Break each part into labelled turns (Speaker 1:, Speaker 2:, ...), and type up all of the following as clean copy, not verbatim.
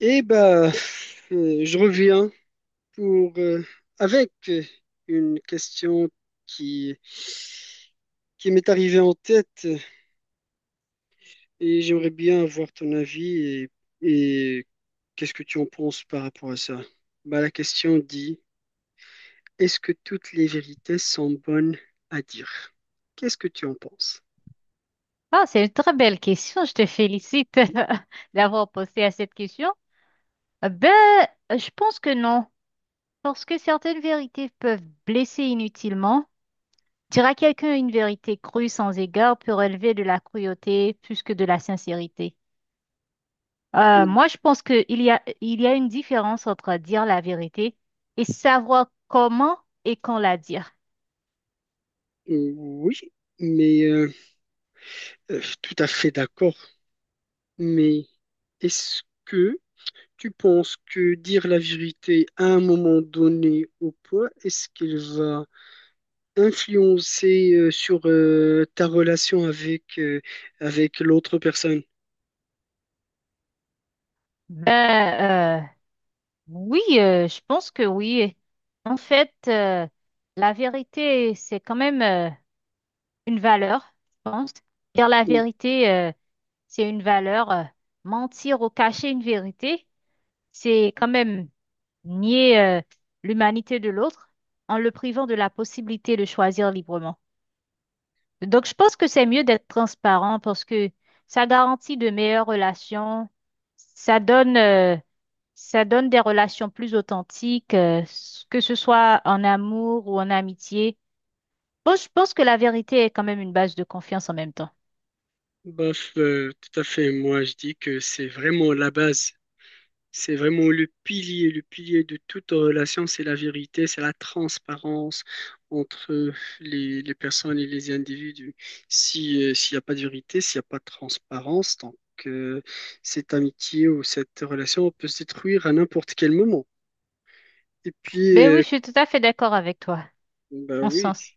Speaker 1: Eh ben, je reviens pour avec une question qui qui m'est arrivée en tête et j'aimerais bien avoir ton avis et qu'est-ce que tu en penses par rapport à ça? Ben, la question dit, est-ce que toutes les vérités sont bonnes à dire? Qu'est-ce que tu en penses?
Speaker 2: Ah, c'est une très belle question. Je te félicite d'avoir posé à cette question. Euh, Ben, je pense que non, parce que certaines vérités peuvent blesser inutilement. Dire à quelqu'un une vérité crue sans égard peut relever de la cruauté plus que de la sincérité.
Speaker 1: Euh,
Speaker 2: Moi, je pense qu'il y a, il y a une différence entre dire la vérité et savoir comment et quand la dire.
Speaker 1: Oui, mais tout à fait d'accord. Mais est-ce que Tu penses que dire la vérité à un moment donné au poids, est-ce qu'il va influencer sur ta relation avec avec l'autre personne?
Speaker 2: Ben, euh, Oui, je pense que oui. En fait, la vérité, c'est quand même une valeur, je pense. Dire la
Speaker 1: Ou-
Speaker 2: vérité, c'est une valeur. Mentir ou cacher une vérité, c'est quand même nier l'humanité de l'autre en le privant de la possibilité de choisir librement. Donc, je pense que c'est mieux d'être transparent parce que ça garantit de meilleures relations, ça donne, euh, ça donne des relations plus authentiques, que ce soit en amour ou en amitié. Bon, je pense que la vérité est quand même une base de confiance en même temps.
Speaker 1: Tout à fait. Moi, je dis que c'est vraiment la base. C'est vraiment le pilier de toute relation, c'est la vérité, c'est la transparence entre les personnes et les individus. Si, s'il n'y a pas de vérité, s'il n'y a pas de transparence, donc euh, cette amitié ou cette relation peut se détruire à n'importe quel moment. Et puis,
Speaker 2: Ben oui, je suis tout à fait d'accord avec toi,
Speaker 1: bah
Speaker 2: en ce
Speaker 1: oui,
Speaker 2: sens.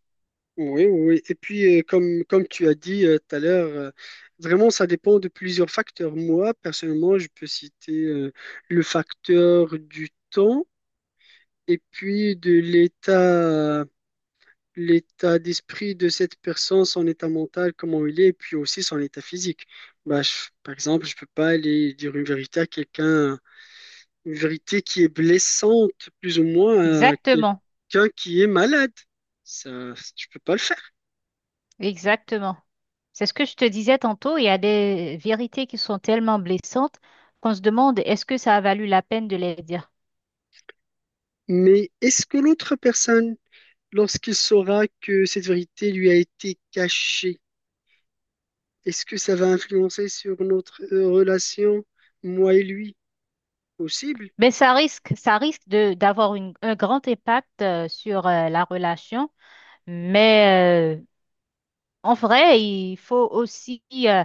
Speaker 1: oui, oui, oui. Et puis, comme tu as dit tout à l'heure, vraiment, ça dépend de plusieurs facteurs. Moi, personnellement, je peux citer le facteur du temps et puis l'état d'esprit de cette personne, son état mental, comment il est, et puis aussi son état physique. Bah, par exemple, je peux pas aller dire une vérité à quelqu'un, une vérité qui est blessante, plus ou moins, à
Speaker 2: Exactement,
Speaker 1: quelqu'un qui est malade. Ça, je peux pas le faire.
Speaker 2: exactement. C'est ce que je te disais tantôt, il y a des vérités qui sont tellement blessantes qu'on se demande est-ce que ça a valu la peine de les dire.
Speaker 1: Mais est-ce que l'autre personne, lorsqu'il saura que cette vérité lui a été cachée, est-ce que ça va influencer sur notre relation, moi et lui? Possible.
Speaker 2: Ça risque de d'avoir un grand impact sur la relation. Mais en vrai, il faut aussi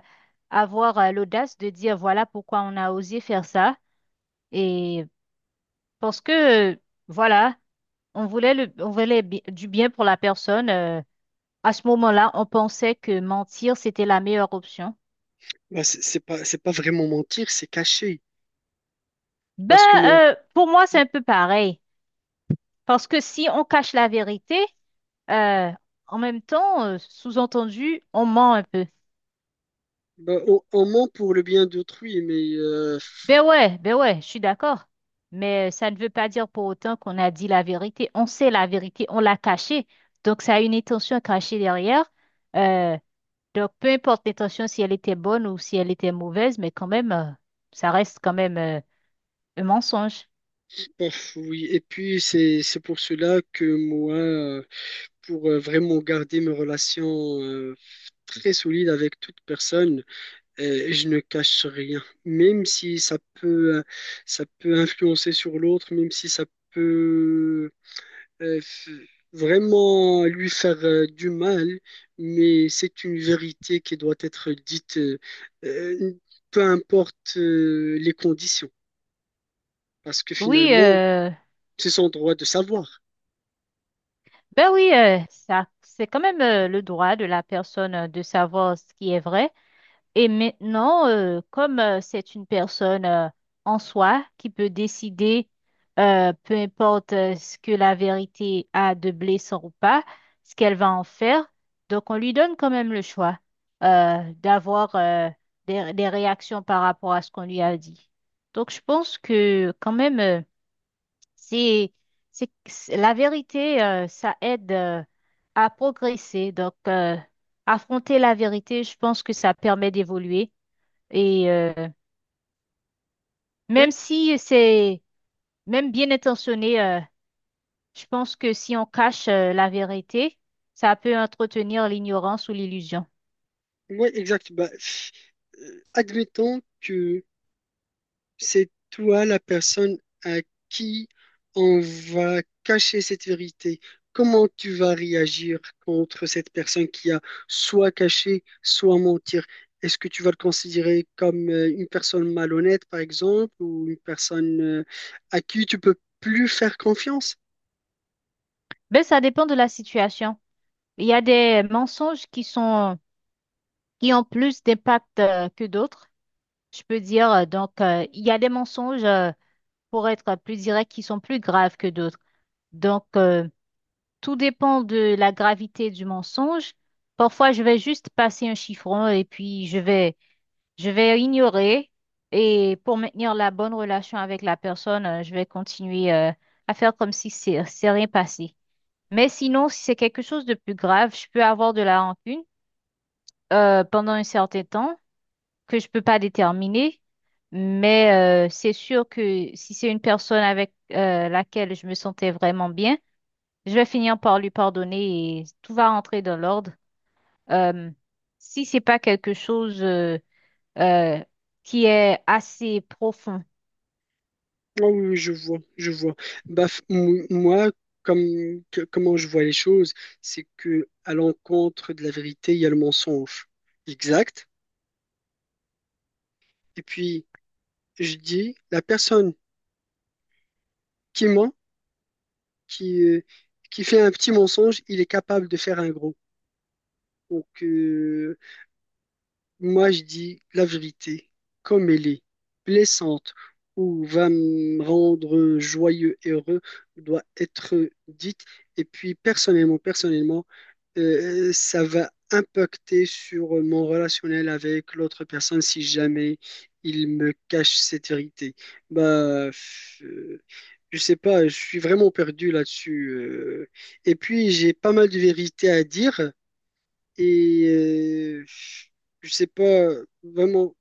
Speaker 2: avoir l'audace de dire voilà pourquoi on a osé faire ça. Et parce que voilà, on voulait du bien pour la personne. À ce moment-là, on pensait que mentir, c'était la meilleure option.
Speaker 1: Bah, c'est pas vraiment mentir, c'est cacher.
Speaker 2: Ben,
Speaker 1: Parce que moi,
Speaker 2: pour moi, c'est
Speaker 1: on,
Speaker 2: un peu pareil. Parce que si on cache la vérité, Euh, en même temps, sous-entendu, on ment un peu.
Speaker 1: bah, on ment pour le bien d'autrui, mais
Speaker 2: Ben ouais, je suis d'accord. Mais ça ne veut pas dire pour autant qu'on a dit la vérité. On sait la vérité, on l'a cachée. Donc, ça a une intention cachée derrière. Euh, donc, peu importe l'intention, si elle était bonne ou si elle était mauvaise, mais quand même, ça reste quand même un mensonge.
Speaker 1: oui. Et puis, c'est pour cela que moi, pour vraiment garder mes relations très solides avec toute personne, je ne cache rien. Même si ça peut, ça peut influencer sur l'autre, même si ça peut euh, f- vraiment lui faire du mal, mais c'est une vérité qui doit être dite, euh, peu importe les conditions, parce que
Speaker 2: Oui,
Speaker 1: finalement, c'est son droit de savoir.
Speaker 2: ben oui, ça, c'est quand même le droit de la personne de savoir ce qui est vrai. Et maintenant, comme c'est une personne en soi qui peut décider, peu importe ce que la vérité a de blessant ou pas, ce qu'elle va en faire, donc on lui donne quand même le choix d'avoir des réactions par rapport à ce qu'on lui a dit. Donc je pense que quand même, c'est, la vérité, ça aide à progresser. Donc affronter la vérité, je pense que ça permet d'évoluer et même
Speaker 1: Oui,
Speaker 2: si c'est même bien intentionné, je pense que si on cache la vérité, ça peut entretenir l'ignorance ou l'illusion.
Speaker 1: oui, exact. Bah, admettons que c'est toi la personne à qui on va cacher cette vérité. Comment tu vas réagir contre cette personne qui a soit caché, soit mentir? Est-ce que tu vas le considérer comme une personne malhonnête, par exemple, ou une personne à qui tu peux plus faire confiance?
Speaker 2: Ben ça dépend de la situation. Il y a des mensonges qui sont qui ont plus d'impact que d'autres, je peux dire. Donc, il y a des mensonges pour être plus direct qui sont plus graves que d'autres. Donc, tout dépend de la gravité du mensonge. Parfois, je vais juste passer un chiffon et puis je vais je vais ignorer et pour maintenir la bonne relation avec la personne, je vais continuer à faire comme si c'est rien passé. Mais sinon, si c'est quelque chose de plus grave, je peux avoir de la rancune pendant un certain temps que je peux pas déterminer. Mais c'est sûr que si c'est une personne avec laquelle je me sentais vraiment bien, je vais finir par lui pardonner et tout va rentrer dans l'ordre. Euh, Si c'est pas quelque chose euh, qui est assez profond.
Speaker 1: Ah oui, oui, je vois, je vois. Bah, moi, comment je vois les choses, c'est que à l'encontre de la vérité, il y a le mensonge. Exact. Et puis, je dis, la personne qui ment, qui, euh, qui fait un petit mensonge, il est capable de faire un gros. Donc, moi, je dis la vérité, comme elle est, blessante ou va me rendre joyeux et heureux, doit être dite. Et puis, personnellement, personnellement, ça va impacter sur mon relationnel avec l'autre personne si jamais il me cache cette vérité. Bah, je sais pas, je suis vraiment perdu là-dessus. Et puis, j'ai pas mal de vérités à dire et je sais pas vraiment.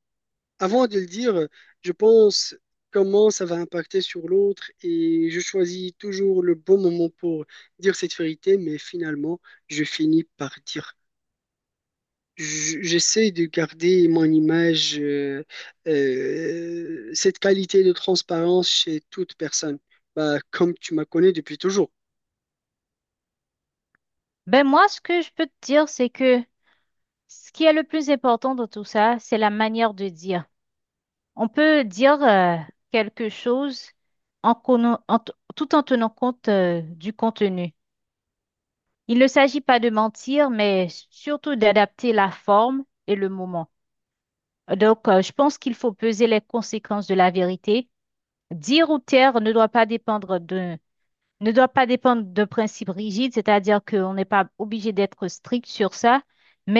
Speaker 1: Avant de le dire, je pense comment ça va impacter sur l'autre et je choisis toujours le bon moment pour dire cette vérité, mais finalement, je finis par J'essaie de garder mon image, cette qualité de transparence chez toute personne. Bah, comme tu m'as connu depuis toujours.
Speaker 2: Ben moi, ce que je peux te dire, c'est que ce qui est le plus important dans tout ça, c'est la manière de dire. On peut dire quelque chose en, conna- en t- tout en tenant compte du contenu. Il ne s'agit pas de mentir, mais surtout d'adapter la forme et le moment. Donc, je pense qu'il faut peser les conséquences de la vérité. Dire ou taire ne doit pas dépendre de principes rigides, c'est-à-dire qu'on n'est pas obligé d'être strict sur ça,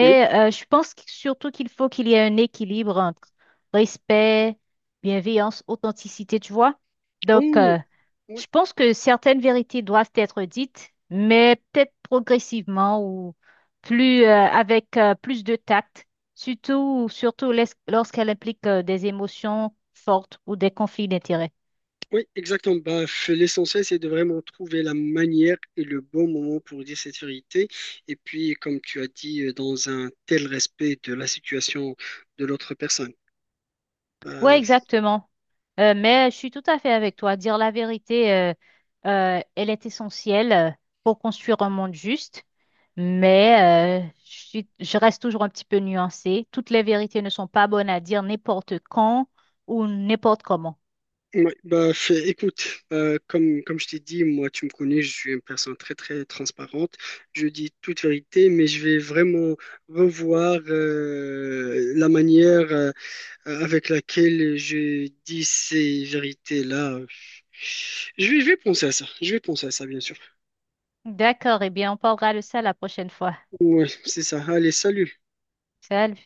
Speaker 1: Oui,
Speaker 2: je pense surtout qu'il faut qu'il y ait un équilibre entre respect, bienveillance, authenticité, tu vois.
Speaker 1: Oh,
Speaker 2: Donc,
Speaker 1: oui, oui,
Speaker 2: je pense que certaines vérités doivent être dites, mais peut-être progressivement ou plus avec plus de tact, surtout lorsqu'elles impliquent des émotions fortes ou des conflits d'intérêts.
Speaker 1: oui, exactement. Bah, l'essentiel, c'est de vraiment trouver la manière et le bon moment pour dire cette vérité. Et puis, comme tu as dit, dans un tel respect de la situation de l'autre personne.
Speaker 2: Ouais,
Speaker 1: Bah,
Speaker 2: exactement. Mais je suis tout à fait avec toi. Dire la vérité, elle est essentielle pour construire un monde juste. Mais je reste toujours un petit peu nuancée. Toutes les vérités ne sont pas bonnes à dire n'importe quand ou n'importe comment.
Speaker 1: ouais, bah, écoute, comme je t'ai dit, moi, tu me connais, je suis une personne très, très transparente. Je dis toute vérité, mais je vais vraiment revoir la manière avec laquelle je dis ces vérités-là. Je vais penser à ça, je vais penser à ça, bien sûr.
Speaker 2: D'accord, eh bien, on parlera de ça la prochaine fois.
Speaker 1: Ouais, c'est ça. Allez, salut.
Speaker 2: Salut.